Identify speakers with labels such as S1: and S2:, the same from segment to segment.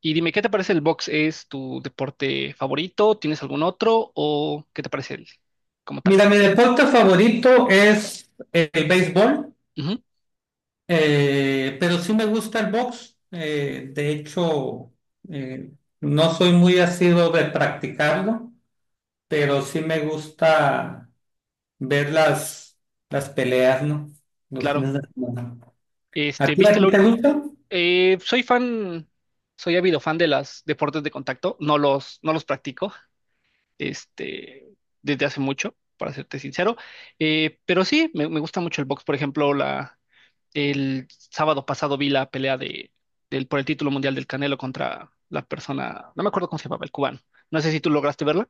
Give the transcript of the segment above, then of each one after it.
S1: Y dime, ¿qué te parece el box? ¿Es tu deporte favorito? ¿Tienes algún otro? ¿O qué te parece el como tal?
S2: Mira, mi deporte favorito es el béisbol.
S1: Ujú,
S2: Pero sí me gusta el box. De hecho, eh, no soy muy asiduo de practicarlo, pero sí me gusta ver las peleas, ¿no? Los
S1: claro.
S2: fines de semana. ¿A
S1: Este,
S2: ti, a ti te gusta?
S1: soy fan, soy ávido fan de los deportes de contacto. No los practico, este, desde hace mucho, para serte sincero. Pero sí, me gusta mucho el box. Por ejemplo, el sábado pasado vi la pelea del, por el título mundial del Canelo contra la persona, no me acuerdo cómo se llamaba, el cubano. No sé si tú lograste verla.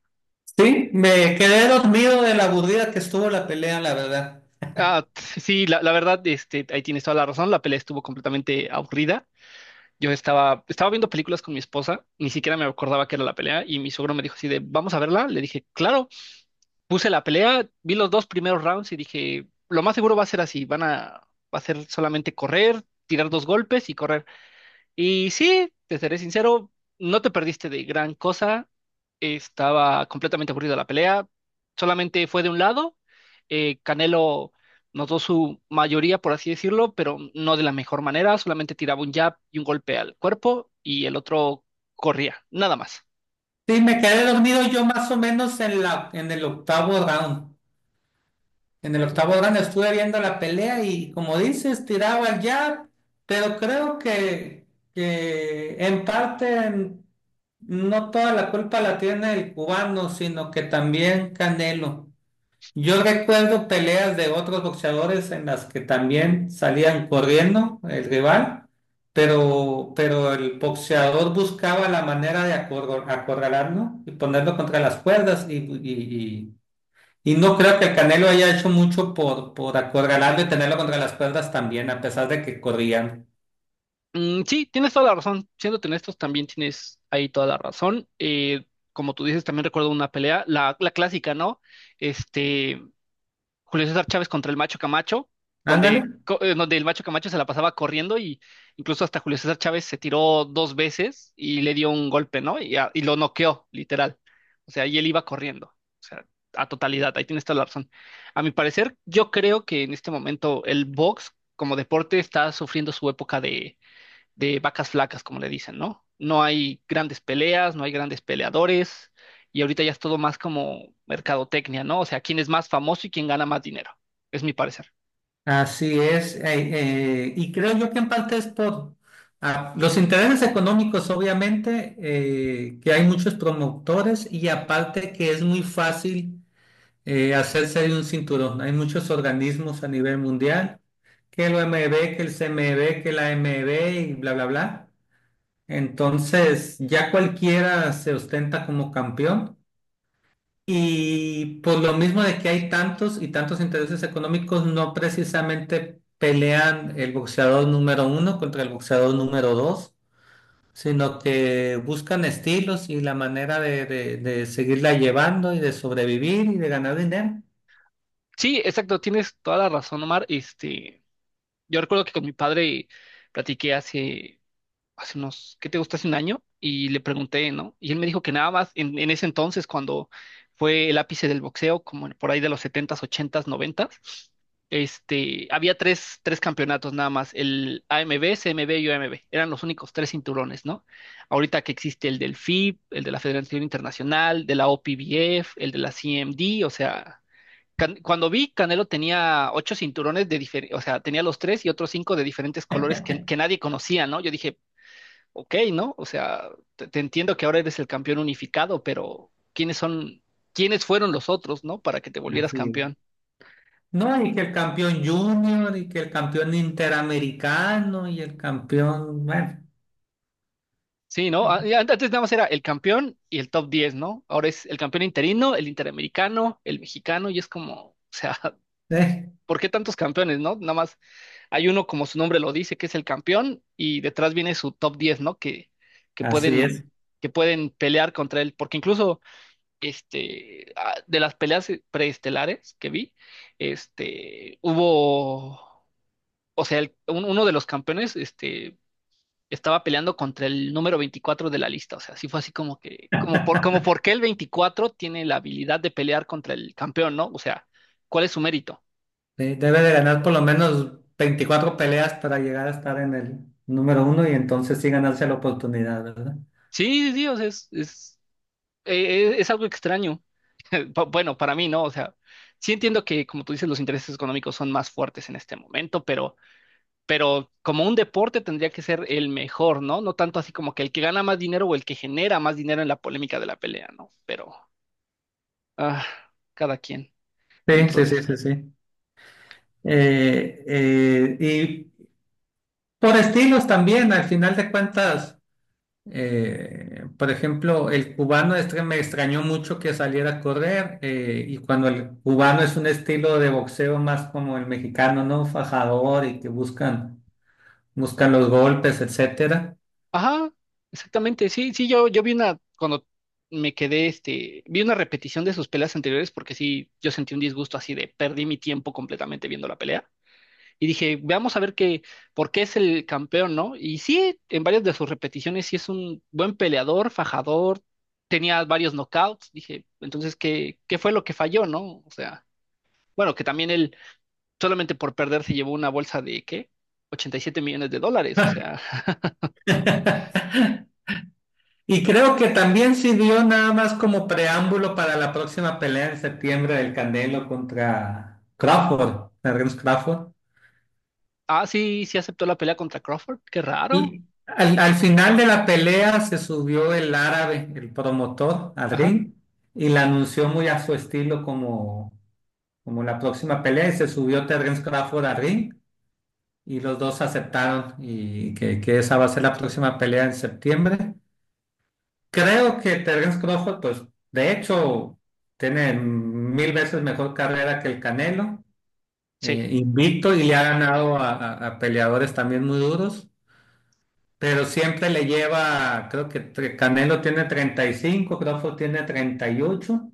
S2: Sí, me quedé dormido de la aburrida que estuvo la pelea, la verdad.
S1: Ah, sí, la verdad, este, ahí tienes toda la razón. La pelea estuvo completamente aburrida. Yo estaba viendo películas con mi esposa, ni siquiera me acordaba que era la pelea, y mi suegro me dijo así de, vamos a verla. Le dije, claro, puse la pelea, vi los dos primeros rounds y dije, lo más seguro va a ser así, va a ser solamente correr, tirar dos golpes y correr. Y sí, te seré sincero, no te perdiste de gran cosa. Estaba completamente aburrida la pelea. Solamente fue de un lado. Canelo notó su mayoría, por así decirlo, pero no de la mejor manera. Solamente tiraba un jab y un golpe al cuerpo y el otro corría, nada más.
S2: Sí, me quedé dormido yo más o menos en el octavo round. En el octavo round estuve viendo la pelea y como dices, tiraba el jab, pero creo que en parte no toda la culpa la tiene el cubano, sino que también Canelo. Yo recuerdo peleas de otros boxeadores en las que también salían corriendo el rival, pero el boxeador buscaba la manera de acorralarlo y ponerlo contra las cuerdas y no creo que Canelo haya hecho mucho por acorralarlo y tenerlo contra las cuerdas también, a pesar de que corrían.
S1: Mm, sí, tienes toda la razón. Siéndote honestos, también tienes ahí toda la razón. Como tú dices, también recuerdo una pelea, la clásica, ¿no? Este. Julio César Chávez contra el Macho Camacho,
S2: Ándale.
S1: donde el Macho Camacho se la pasaba corriendo y incluso hasta Julio César Chávez se tiró dos veces y le dio un golpe, ¿no? Y lo noqueó, literal. O sea, y él iba corriendo. O sea, a totalidad, ahí tienes toda la razón. A mi parecer, yo creo que en este momento el box como deporte está sufriendo su época de vacas flacas, como le dicen, ¿no? No hay grandes peleas, no hay grandes peleadores, y ahorita ya es todo más como mercadotecnia, ¿no? O sea, quién es más famoso y quién gana más dinero, es mi parecer.
S2: Así es. Y creo yo que en parte es por los intereses económicos, obviamente, que hay muchos promotores y aparte que es muy fácil hacerse de un cinturón. Hay muchos organismos a nivel mundial, que el OMB, que el CMB, que la AMB y bla, bla, bla. Entonces, ya cualquiera se ostenta como campeón y por lo mismo de que hay tantos y tantos intereses económicos, no precisamente pelean el boxeador número uno contra el boxeador número dos, sino que buscan estilos y la manera de seguirla llevando y de sobrevivir y de ganar dinero.
S1: Sí, exacto, tienes toda la razón, Omar. Este, yo recuerdo que con mi padre platiqué hace unos, ¿qué te gusta? Hace un año y le pregunté, ¿no? Y él me dijo que nada más en ese entonces, cuando fue el ápice del boxeo, como por ahí de los setentas ochentas noventas había tres campeonatos nada más, el AMB, CMB y OMB, eran los únicos tres cinturones, ¿no? Ahorita que existe el del FIB, el de la Federación Internacional, de la OPBF, el de la CMD, o sea. Cuando vi, Canelo tenía ocho cinturones de diferentes, o sea, tenía los tres y otros cinco de diferentes colores que nadie conocía, ¿no? Yo dije, ok, ¿no? O sea, te entiendo que ahora eres el campeón unificado, pero ¿quiénes son, quiénes fueron los otros? ¿No? Para que te volvieras
S2: Así
S1: campeón.
S2: No, y que el campeón junior y que el campeón interamericano y el campeón, bueno,
S1: Sí, ¿no? Antes nada más era el campeón y el top 10, ¿no? Ahora es el campeón interino, el interamericano, el mexicano, y es como, o sea,
S2: eh,
S1: ¿por qué tantos campeones, no? Nada más hay uno, como su nombre lo dice, que es el campeón, y detrás viene su top 10, ¿no? Que
S2: así es.
S1: pueden, que pueden pelear contra él, porque incluso este, de las peleas preestelares que vi, este, hubo, o sea, uno de los campeones, este, estaba peleando contra el número 24 de la lista, o sea, sí fue así como que, como por qué el 24 tiene la habilidad de pelear contra el campeón, ¿no? O sea, ¿cuál es su mérito?
S2: Debe de ganar por lo menos 24 peleas para llegar a estar en el número uno y entonces sí ganarse la oportunidad, ¿verdad?
S1: Sí, sí, sí, o sea, es algo extraño. Bueno, para mí, ¿no? O sea, sí entiendo que, como tú dices, los intereses económicos son más fuertes en este momento, pero como un deporte tendría que ser el mejor, ¿no? No tanto así como que el que gana más dinero o el que genera más dinero en la polémica de la pelea, ¿no? Pero ah, cada quien
S2: Sí,
S1: dentro
S2: sí,
S1: de
S2: sí,
S1: eso.
S2: sí, sí. Y por estilos también, al final de cuentas, por ejemplo, el cubano este me extrañó mucho que saliera a correr y cuando el cubano es un estilo de boxeo más como el mexicano, ¿no? Fajador y que buscan los golpes, etcétera.
S1: Ajá, exactamente. Sí, sí, yo vi una, cuando me quedé, este, vi una repetición de sus peleas anteriores porque sí, yo sentí un disgusto así de perdí mi tiempo completamente viendo la pelea. Y dije, veamos a ver qué, por qué es el campeón, ¿no? Y sí, en varias de sus repeticiones, sí es un buen peleador, fajador, tenía varios knockouts. Dije, entonces, ¿qué fue lo que falló, no? O sea, bueno, que también él solamente por perder se llevó una bolsa de, ¿qué? 87 millones de dólares, o sea.
S2: Y creo que también sirvió nada más como preámbulo para la próxima pelea en septiembre del Candelo contra Crawford, Terence Crawford.
S1: Ah, sí, sí aceptó la pelea contra Crawford, qué raro.
S2: Y al final de la pelea se subió el árabe, el promotor, al
S1: Ajá,
S2: ring y la anunció muy a su estilo como la próxima pelea y se subió Terence Crawford al ring y los dos aceptaron y que esa va a ser la próxima pelea en septiembre. Creo que Terence Crawford, pues, de hecho, tiene mil veces mejor carrera que el Canelo,
S1: sí.
S2: invicto y le ha ganado a peleadores también muy duros, pero siempre le lleva, creo que Canelo tiene 35, Crawford tiene 38.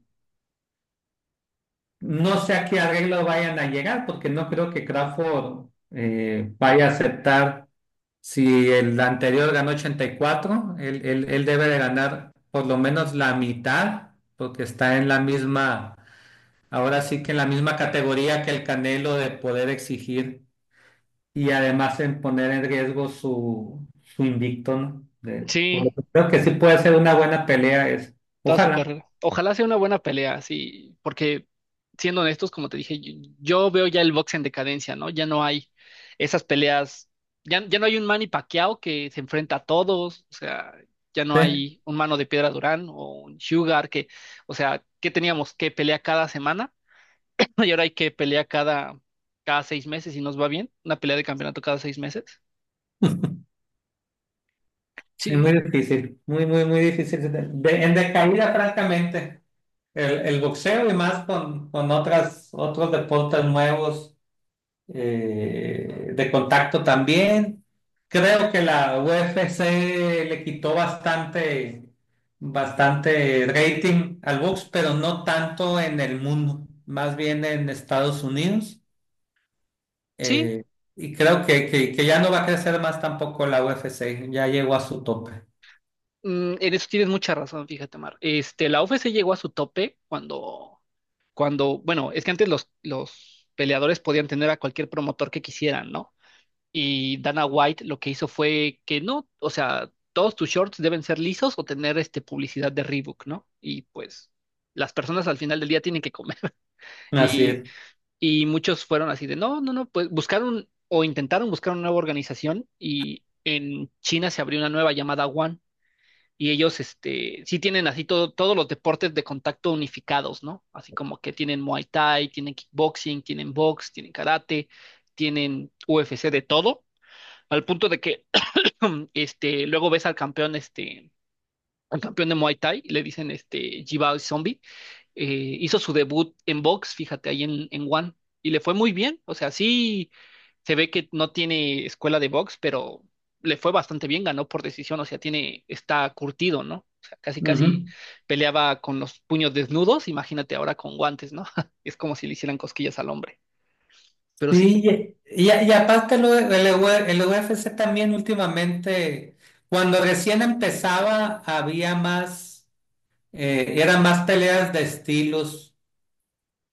S2: No sé a qué arreglo vayan a llegar, porque no creo que Crawford vaya a aceptar. Si el anterior ganó 84, él debe de ganar por lo menos la mitad, porque está en la misma, ahora sí que en la misma categoría que el Canelo de poder exigir y además en poner en riesgo su invicto, ¿no? Por lo
S1: Sí,
S2: que creo que sí puede ser una buena pelea. Es
S1: toda su
S2: Ojalá.
S1: carrera. Ojalá sea una buena pelea, sí, porque siendo honestos, como te dije, yo veo ya el box en decadencia, ¿no? Ya no hay esas peleas, ya no hay un Manny Pacquiao que se enfrenta a todos, o sea, ya no
S2: Sí,
S1: hay un mano de piedra Durán o un Sugar que, o sea, ¿qué teníamos? ¿Qué pelea cada semana? Y ahora hay que pelea cada 6 meses y nos va bien, una pelea de campeonato cada 6 meses.
S2: sí,
S1: Sí,
S2: muy difícil, muy, muy, muy difícil. En decaída, francamente, el boxeo y más con otros deportes nuevos de contacto también. Creo que la UFC le quitó bastante rating al box, pero no tanto en el mundo, más bien en Estados Unidos.
S1: sí,
S2: Eh, y creo que ya no va a crecer más tampoco la UFC, ya llegó a su tope.
S1: en eso tienes mucha razón, fíjate, Mar. Este, la UFC llegó a su tope cuando, bueno, es que antes los peleadores podían tener a cualquier promotor que quisieran, ¿no? Y Dana White lo que hizo fue que no, o sea, todos tus shorts deben ser lisos o tener este publicidad de Reebok, ¿no? Y pues las personas al final del día tienen que comer.
S2: Así
S1: Y,
S2: es.
S1: y muchos fueron así de, no, no, no, pues buscaron o intentaron buscar una nueva organización y en China se abrió una nueva llamada One y ellos, este, sí tienen así todo, todos los deportes de contacto unificados, ¿no? Así como que tienen Muay Thai, tienen kickboxing, tienen box, tienen karate, tienen UFC de todo, al punto de que, este, luego ves al campeón, este, al campeón de Muay Thai, y le dicen, este, Jibao Zombie, eh, hizo su debut en box, fíjate, ahí en One, y le fue muy bien. O sea, sí se ve que no tiene escuela de box, pero le fue bastante bien, ganó por decisión, o sea, tiene, está curtido, ¿no? O sea, casi casi
S2: Ujú.
S1: peleaba con los puños desnudos, imagínate ahora con guantes, ¿no? Es como si le hicieran cosquillas al hombre. Pero
S2: Sí,
S1: sí,
S2: y aparte lo- el, UE el UFC también últimamente, cuando recién empezaba, había más. Eran más peleas de estilos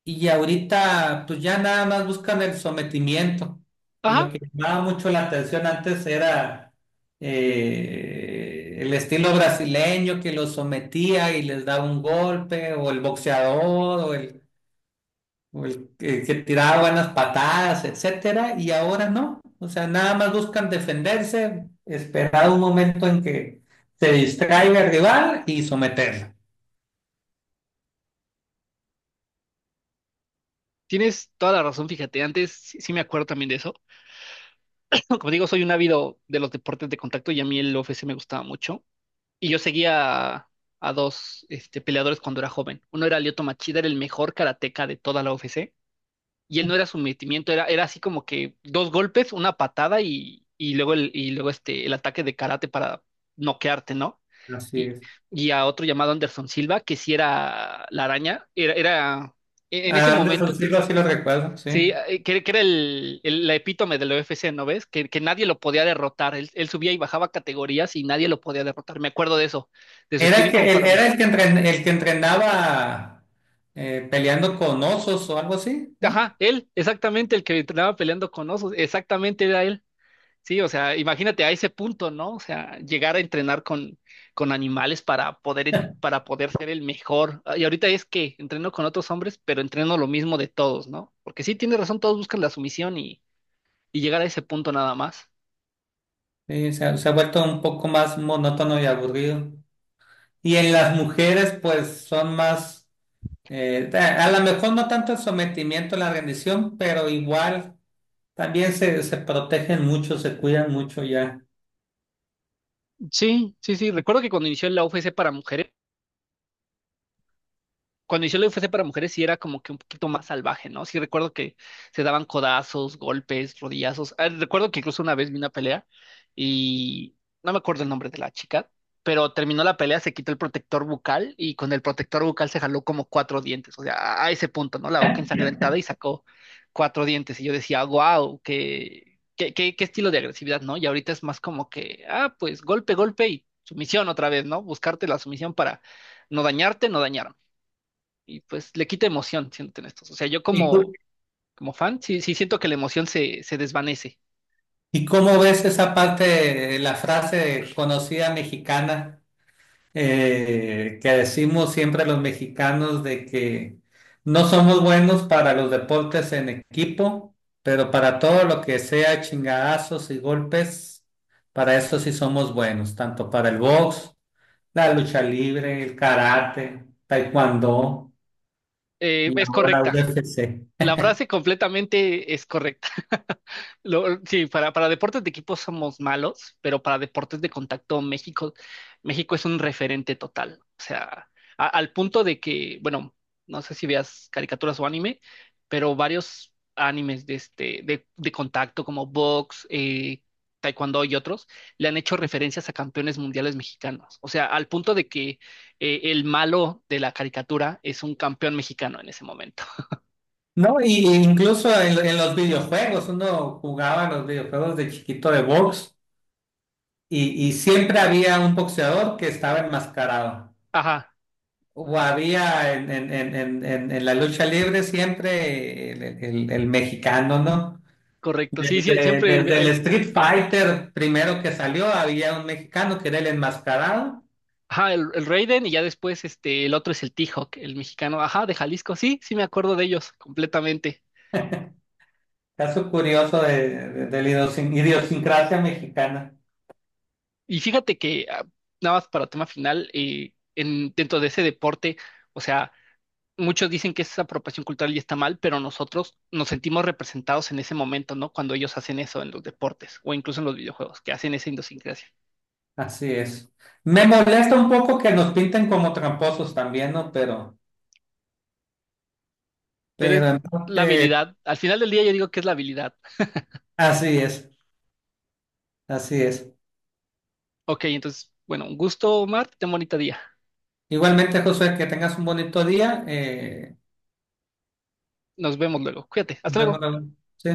S2: y ahorita pues ya nada más buscan el sometimiento. Y lo
S1: ajá,
S2: que llamaba mucho la atención antes era el estilo brasileño que los sometía y les daba un golpe, o el boxeador, o el que tiraba buenas patadas, etcétera, y ahora no. O sea, nada más buscan defenderse, esperar un momento en que se distraiga el rival y someterlo.
S1: tienes toda la razón, fíjate, antes sí, sí me acuerdo también de eso. Como digo, soy un ávido de los deportes de contacto y a mí el UFC me gustaba mucho. Y yo seguía a dos peleadores cuando era joven. Uno era Lyoto Machida, era el mejor karateca de toda la UFC. Y él no era sometimiento, era así como que dos golpes, una patada y luego, el, y luego este, el ataque de karate para noquearte, ¿no?
S2: Así
S1: Y,
S2: es.
S1: y a otro llamado Anderson Silva, que sí era la araña, era en ese
S2: Anderson
S1: momento.
S2: Silva sí lo recuerdo,
S1: Sí,
S2: sí.
S1: que era la epítome de la UFC, ¿no ves? Que nadie lo podía derrotar. Él subía y bajaba categorías y nadie lo podía derrotar. Me acuerdo de eso, de su
S2: Era
S1: estilo
S2: el que, el-
S1: incomparable.
S2: era el que, el que entrenaba peleando con osos o algo así, ¿no?
S1: Ajá, exactamente el que entrenaba peleando con osos, exactamente era él. Sí, o sea, imagínate a ese punto, ¿no? O sea, llegar a entrenar con animales para poder, para poder ser el mejor. Ah, y ahorita es que entreno con otros hombres, pero entreno lo mismo de todos, ¿no? Porque sí, tiene razón, todos buscan la sumisión y llegar a ese punto nada más.
S2: Sí, se ha vuelto un poco más monótono y aburrido. Y en las mujeres, pues son más, a lo mejor no tanto el sometimiento, la rendición, pero igual también se protegen mucho, se cuidan mucho ya.
S1: Sí, sí, sí. Recuerdo que cuando inició la UFC para mujeres, cuando inició la UFC para mujeres sí era como que un poquito más salvaje, ¿no? Sí recuerdo que se daban codazos, golpes, rodillazos. Ah, recuerdo que incluso una vez vi una pelea y no me acuerdo el nombre de la chica, pero terminó la pelea, se quitó el protector bucal y con el protector bucal se jaló como cuatro dientes, o sea, a ese punto, ¿no? La boca ensangrentada y sacó cuatro dientes y yo decía, wow, qué estilo de agresividad, ¿no? Y ahorita es más como que, pues golpe, golpe y sumisión otra vez, ¿no? Buscarte la sumisión para no dañarte, no dañarme y pues le quita emoción, siéndote honestos. O sea, yo
S2: ¿Y, cu-
S1: como fan, sí, sí siento que la emoción se desvanece.
S2: y cómo ves esa parte, la frase conocida mexicana? Que decimos siempre los mexicanos de que no somos buenos para los deportes en equipo, pero para todo lo que sea chingadazos y golpes, para eso sí somos buenos, tanto para el box, la lucha libre, el karate, taekwondo y
S1: Es
S2: ahora
S1: correcta.
S2: UFC.
S1: La frase completamente es correcta. Sí, para deportes de equipo somos malos, pero para deportes de contacto México, México es un referente total. O sea, al punto de que, bueno, no sé si veas caricaturas o anime, pero varios animes de este, de contacto como box, taekwondo y otros, le han hecho referencias a campeones mundiales mexicanos. O sea, al punto de que el malo de la caricatura es un campeón mexicano en ese momento.
S2: No, y incluso en los videojuegos, uno jugaba los videojuegos de chiquito de box y siempre había un boxeador que estaba enmascarado.
S1: Ajá.
S2: O había en la lucha libre siempre el mexicano, ¿no?
S1: Correcto. Sí, sí,
S2: Desde,
S1: siempre
S2: desde el Street Fighter primero que salió había un mexicano que era el enmascarado.
S1: ajá, el Raiden y ya después este, el otro es el T-Hawk, el mexicano, ajá, de Jalisco. Sí, sí me acuerdo de ellos completamente.
S2: Caso curioso de la idiosincrasia mexicana.
S1: Y fíjate que, nada más para tema final, dentro de ese deporte, o sea, muchos dicen que esa apropiación cultural y está mal, pero nosotros nos sentimos representados en ese momento, ¿no? Cuando ellos hacen eso en los deportes o incluso en los videojuegos, que hacen esa idiosincrasia.
S2: Así es. Me molesta un poco que nos pinten como tramposos también, ¿no? Pero,
S1: Pero
S2: pero
S1: es
S2: en
S1: la
S2: parte,
S1: habilidad. Al final del día yo digo que es la habilidad.
S2: así es, así es.
S1: Ok, entonces, bueno, un gusto, Omar, ten bonito día.
S2: Igualmente, Josué, que tengas un bonito día.
S1: Nos vemos luego. Cuídate.
S2: Nos
S1: Hasta
S2: vemos
S1: luego.
S2: luego. Sí.